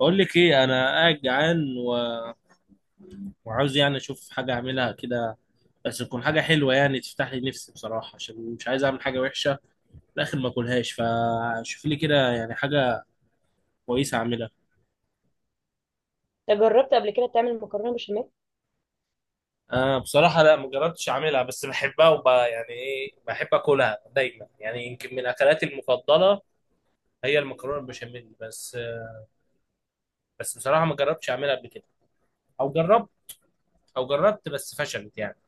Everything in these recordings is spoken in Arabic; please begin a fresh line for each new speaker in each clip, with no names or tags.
بقول لك ايه، انا قاعد جعان وعاوز يعني اشوف حاجه اعملها كده، بس تكون حاجه حلوه يعني تفتح لي نفسي بصراحه، عشان مش عايز اعمل حاجه وحشه في الاخر ما اكلهاش. فشوف لي كده يعني حاجه كويسه اعملها.
ده جربت قبل كده تعمل مكرونه بشاميل؟
آه بصراحه لا، ما جربتش اعملها، بس بحبها وب يعني ايه بحب اكلها دايما، يعني يمكن من اكلاتي المفضله هي المكرونه البشاميل بس. بس بصراحه ما جربتش اعملها قبل كده، او جربت، او جربت بس فشلت يعني.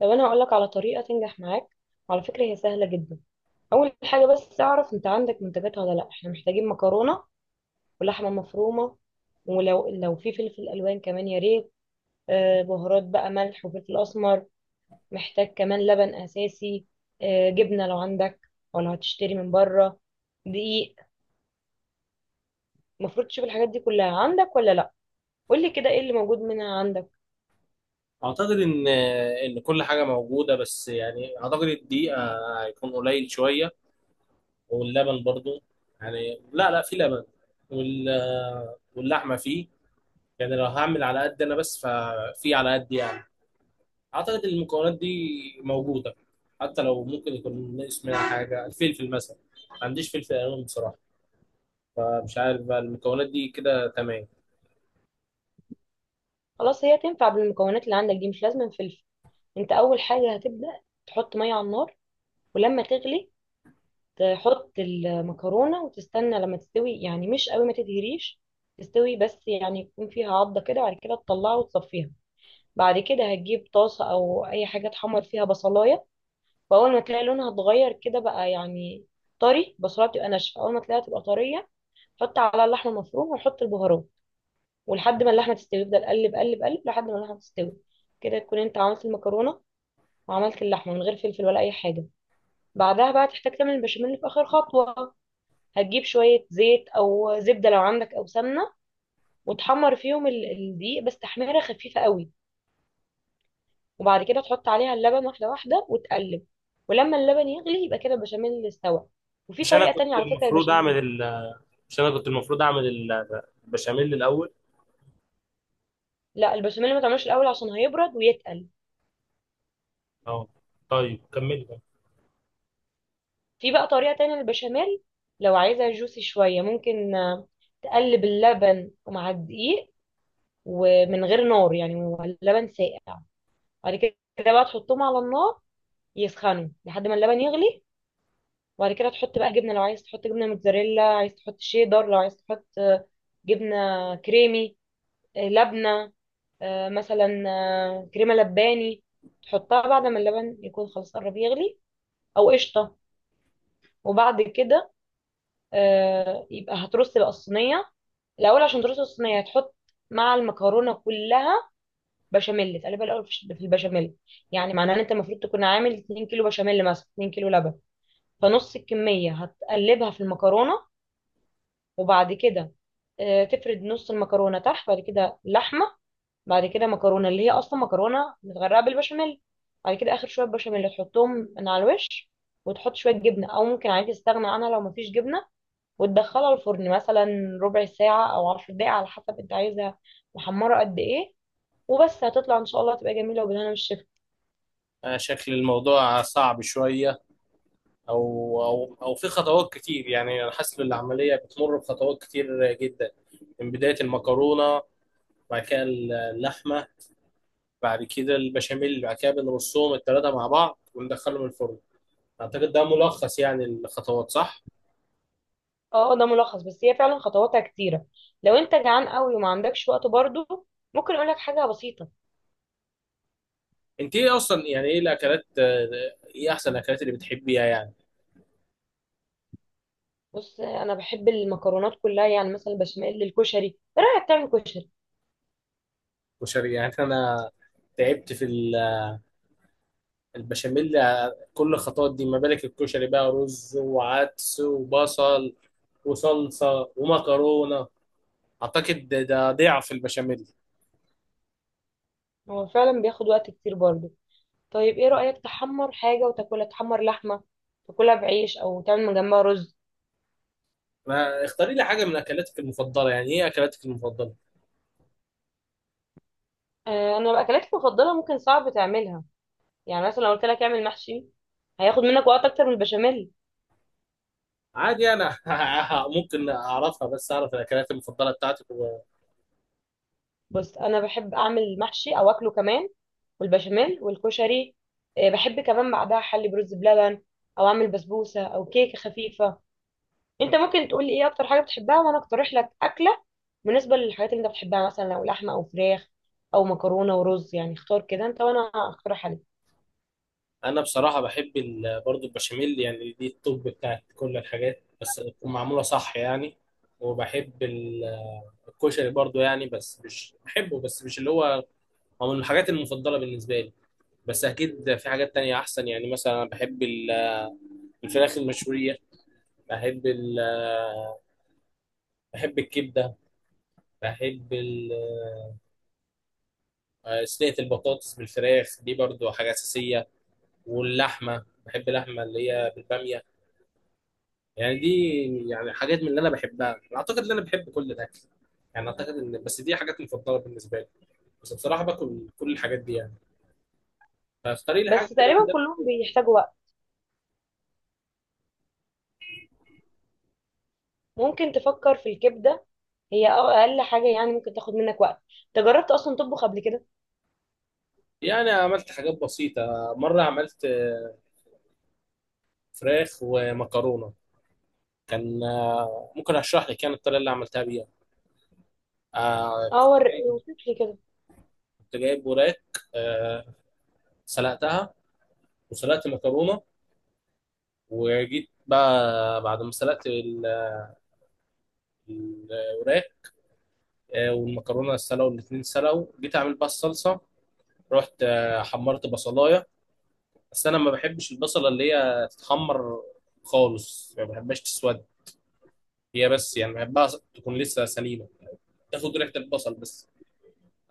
لو انا هقولك على طريقه تنجح معاك، وعلى فكره هي سهله جدا. اول حاجه بس اعرف انت عندك منتجات ولا لا، احنا محتاجين مكرونه ولحمه مفرومه، ولو لو في فلفل الوان كمان يا ريت. بهارات بقى ملح وفلفل اسمر. محتاج كمان لبن اساسي، جبنه لو عندك او لو هتشتري من بره، دقيق. المفروض تشوف الحاجات دي كلها عندك ولا لا. قول لي كده ايه اللي موجود منها عندك.
اعتقد ان كل حاجه موجوده، بس يعني اعتقد الدقيق هيكون قليل شويه، واللبن برضو يعني لا في لبن، واللحمه فيه، يعني لو هعمل على قد انا بس ففي على قد يعني. اعتقد إن المكونات دي موجوده، حتى لو ممكن يكون ناقص منها حاجه، الفلفل مثلا ما عنديش فلفل الوان بصراحه، فمش عارف بقى المكونات دي كده تمام.
خلاص هي تنفع بالمكونات اللي عندك دي، مش لازم فلفل. انت اول حاجه هتبدا تحط ميه على النار، ولما تغلي تحط المكرونه وتستنى لما تستوي، يعني مش قوي ما تدهريش، تستوي بس يعني يكون فيها عضه كده. بعد كده تطلعها وتصفيها. بعد كده هتجيب طاسه او اي حاجه تحمر فيها بصلايه، واول ما تلاقي لونها اتغير كده بقى يعني طري، بصلايه بتبقى ناشفه اول ما تلاقيها تبقى طريه، حط على اللحمه المفرومه وحط البهارات، ولحد ما اللحمه تستوي افضل قلب قلب قلب لحد ما اللحمه تستوي. كده تكون انت عملت المكرونه وعملت اللحمه من غير فلفل ولا اي حاجه. بعدها بقى تحتاج تعمل البشاميل في آخر خطوة. هتجيب شوية زيت أو زبدة لو عندك أو سمنة، وتحمر فيهم الدقيق بس تحميرة خفيفة قوي، وبعد كده تحط عليها اللبن واحدة واحدة وتقلب. ولما اللبن يغلي يبقى كده البشاميل استوى. وفي
مش انا
طريقة تانية
كنت
على فكرة
المفروض
البشاميل.
اعمل ال... مش انا كنت المفروض اعمل البشاميل الاول؟
لا البشاميل ما تعملوش الأول عشان هيبرد ويتقل.
اه، طيب كمل بقى.
في بقى طريقة تانية للبشاميل، لو عايزها جوسي شوية ممكن تقلب اللبن مع الدقيق ومن غير نار، يعني هو اللبن ساقع، بعد كده بقى تحطهم على النار يسخنوا لحد ما اللبن يغلي. وبعد كده تحط بقى جبنه، لو عايز تحط جبنه موتزاريلا، عايز تحط شيدر، لو عايز تحط جبنه كريمي، لبنه، مثلا كريمه لباني، تحطها بعد ما اللبن يكون خلاص قرب يغلي، او قشطه. وبعد كده يبقى هترص بقى الصينيه. الاول عشان ترص الصينيه هتحط مع المكرونه كلها بشاميل، تقلبها الاول في البشاميل. يعني معناه ان انت المفروض تكون عامل 2 كيلو بشاميل مثلا، 2 كيلو لبن، فنص الكمية هتقلبها في المكرونة. وبعد كده تفرد نص المكرونة تحت، بعد كده لحمة، بعد كده مكرونة اللي هي أصلا مكرونة متغرقة بالبشاميل، بعد كده آخر شوية بشاميل تحطهم من على الوش، وتحط شوية جبنة أو ممكن عادي تستغنى عنها لو مفيش جبنة. وتدخلها الفرن مثلا ربع ساعة أو 10 دقايق على حسب أنت عايزها محمرة قد إيه. وبس هتطلع إن شاء الله تبقى جميلة وبالهنا والشفا.
شكل الموضوع صعب شوية، أو في خطوات كتير، يعني أنا حاسس إن العملية بتمر بخطوات كتير جدا، من بداية المكرونة، بعد كده اللحمة، بعد كده البشاميل، بعد كده بنرصهم التلاتة مع بعض وندخلهم الفرن. أعتقد ده ملخص يعني الخطوات، صح؟
اه ده ملخص، بس هي فعلا خطواتها كتيرة. لو انت جعان قوي وما عندكش وقت برضو ممكن اقول لك حاجة بسيطة.
أنت إيه أصلا يعني، إيه الأكلات، إيه أحسن الأكلات اللي بتحبيها يعني؟
بص انا بحب المكرونات كلها، يعني مثلا بشاميل الكشري. ايه رأيك تعمل كشري؟
وشر يعني أنا تعبت في البشاميل كل الخطوات دي، ما بالك الكشري بقى رز وعدس وبصل وصلصة ومكرونة. أعتقد ده ضعف البشاميل.
هو فعلا بياخد وقت كتير برضو. طيب ايه رأيك تحمر حاجة وتاكلها، تحمر لحمة تاكلها بعيش او تعمل من جنبها رز.
ما اختاري لي حاجة من أكلاتك المفضلة، يعني إيه أكلاتك المفضلة؟
انا الاكلات المفضلة ممكن صعب تعملها. يعني مثلا لو قلت لك اعمل محشي هياخد منك وقت اكتر من البشاميل.
عادي أنا ممكن أعرفها، بس أعرف الأكلات المفضلة بتاعتك.
بص انا بحب اعمل محشي او اكله كمان، والبشاميل والكشري. بحب كمان بعدها احلي برز بلبن، او اعمل بسبوسه او كيكه خفيفه. انت ممكن تقول لي ايه اكتر حاجه بتحبها وانا اقترح لك اكله. بالنسبه للحاجات اللي انت بتحبها، مثلا لو لحمه او فراخ او مكرونه ورز، يعني اختار كده انت وانا اقترح عليك.
وأنا بصراحة بحب برضو البشاميل، يعني دي التوب بتاعت كل الحاجات، بس تكون معمولة صح يعني. وبحب الكشري برضو يعني، بس مش بحبه، بس مش اللي هو هو من الحاجات المفضلة بالنسبة لي، بس اكيد في حاجات تانية احسن. يعني مثلا انا بحب الفراخ المشوية، بحب ال... بحب الكبدة، بحب ال... آه، صينية البطاطس بالفراخ دي برضو حاجة أساسية، واللحمة، بحب اللحمة اللي هي بالبامية. يعني دي يعني حاجات من اللي أنا بحبها. أنا أعتقد إن أنا بحب كل الأكل، يعني أعتقد إن بس دي حاجات مفضلة بالنسبة لي، بس بصراحة باكل كل الحاجات دي يعني. فاختاري لي
بس
حاجة كده من
تقريبا
ده.
كلهم بيحتاجوا وقت. ممكن تفكر في الكبده، هي اقل حاجه يعني ممكن تاخد منك وقت. انت جربت اصلا تطبخ قبل كده؟
يعني عملت حاجات بسيطة، مرة عملت فراخ ومكرونة. كان، ممكن اشرح لك يعني الطريقه اللي عملتها بيها.
اه،
كنت جايب،
وصف لي كده.
كنت جايب وراك، آه، سلقتها وسلقت مكرونه، وجيت بقى بعد ما سلقت الوراك والمكرونه، سلقوا الاثنين سلقوا، جيت اعمل بقى الصلصه. رحت حمرت بصلايه، بس انا ما بحبش البصله اللي هي تتحمر خالص، ما بحبهاش تسود، هي بس يعني بحبها تكون لسه سليمه، تاخد ريحه البصل بس.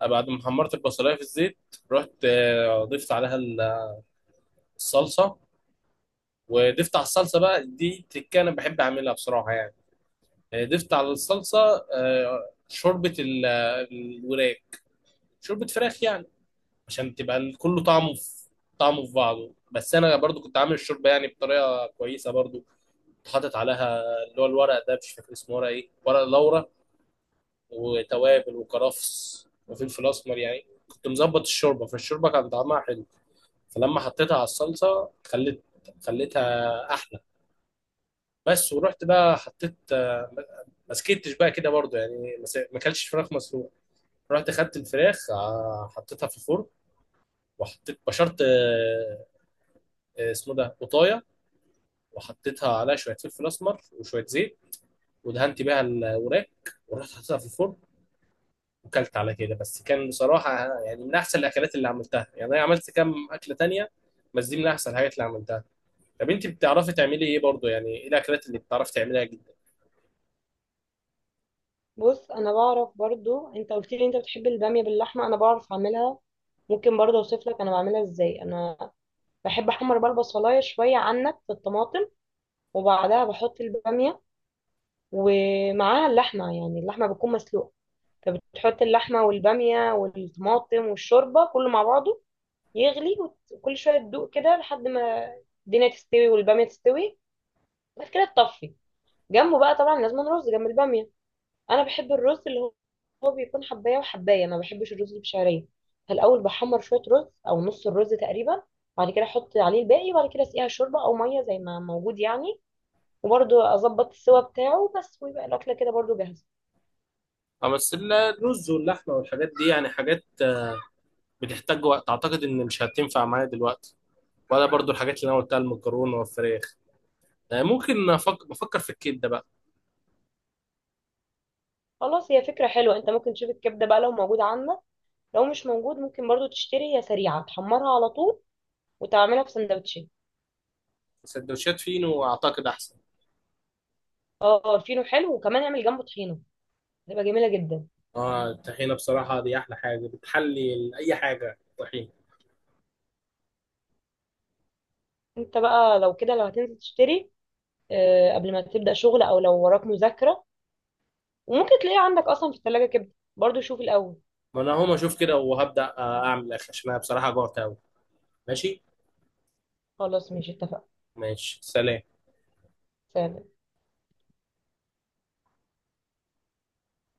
بعد ما حمرت البصلايه في الزيت، رحت ضفت عليها الصلصه، وضفت على الصلصه بقى دي تريكه انا بحب اعملها بصراحه يعني. ضفت على الصلصه شوربه الوراك، شوربه فراخ يعني، عشان تبقى كله طعمه في طعمه في بعضه. بس انا برضو كنت عامل الشوربه يعني بطريقه كويسه برضو، كنت حاطط عليها اللي هو الورق ده، مش فاكر اسمه ورق ايه، ورق لورا وتوابل وكرفس وفلفل اسمر، يعني كنت مظبط الشوربه، فالشوربه كان طعمها حلو، فلما حطيتها على الصلصه خلت، خليتها احلى. بس ورحت بقى حطيت، ما سكتش بقى كده برضو يعني، ما اكلتش فراخ مسلوقه، رحت خدت الفراخ حطيتها في الفرن، وحطيت بشرت، اسمه ده قطايه، وحطيتها عليها شويه فلفل اسمر وشويه زيت، ودهنت بيها الوراك، ورحت حطيتها في الفرن، وكلت على كده. بس كان بصراحه يعني من احسن الاكلات اللي عملتها، يعني انا عملت كام اكله تانية بس دي من احسن الحاجات اللي عملتها. طب انت بتعرفي تعملي ايه برضو، يعني ايه الاكلات اللي بتعرفي تعمليها؟
بص انا بعرف برضو، انت قلت لي انت بتحب الباميه باللحمه، انا بعرف اعملها. ممكن برضو اوصف لك انا بعملها ازاي. انا بحب احمر بقى البصلايه شويه عنك في الطماطم، وبعدها بحط الباميه ومعاها اللحمه، يعني اللحمه بتكون مسلوقه، فبتحط اللحمه والباميه والطماطم والشوربه كله مع بعضه يغلي، وكل شويه تدوق كده لحد ما الدنيا تستوي والباميه تستوي. بعد كده تطفي. جنبه بقى طبعا لازم رز جنب الباميه. انا بحب الرز اللي هو هو بيكون حبايه وحبايه، ما بحبش الرز اللي بشعريه. فالاول بحمر شويه رز او نص الرز تقريبا، بعد كده احط عليه الباقي، وبعد كده اسقيها شوربه او ميه زي ما موجود يعني. وبرده اظبط السوا بتاعه بس، ويبقى الاكله كده برده جاهزه.
اه بس الرز واللحمه والحاجات دي يعني حاجات بتحتاج وقت، اعتقد ان مش هتنفع معايا دلوقتي، ولا برضو الحاجات اللي انا قلتها المكرونه والفراخ. بفكر في الكبده بقى.
خلاص هي فكره حلوه، انت ممكن تشوف الكبده بقى لو موجود عندك، لو مش موجود ممكن برده تشتري، هي سريعه تحمرها على طول وتعملها في سندوتشات.
سندوتشات فينو اعتقد احسن.
اه الفينو حلو، وكمان اعمل جنبه طحينه، هتبقى جميله جدا.
اه الطحينه بصراحه دي احلى حاجه، بتحلي اي حاجه طحينه.
انت بقى لو كده لو هتنزل تشتري، قبل ما تبدأ شغل او لو وراك مذاكرة، وممكن تلاقيه عندك اصلا في الثلاجة كبدة، برضو شوف الاول.
ما انا هقوم اشوف كده وهبدا اعمل اكل، عشان انا بصراحه جوعت قوي. ماشي.
خلاص ماشي اتفقنا.
ماشي، سلام.
سلام.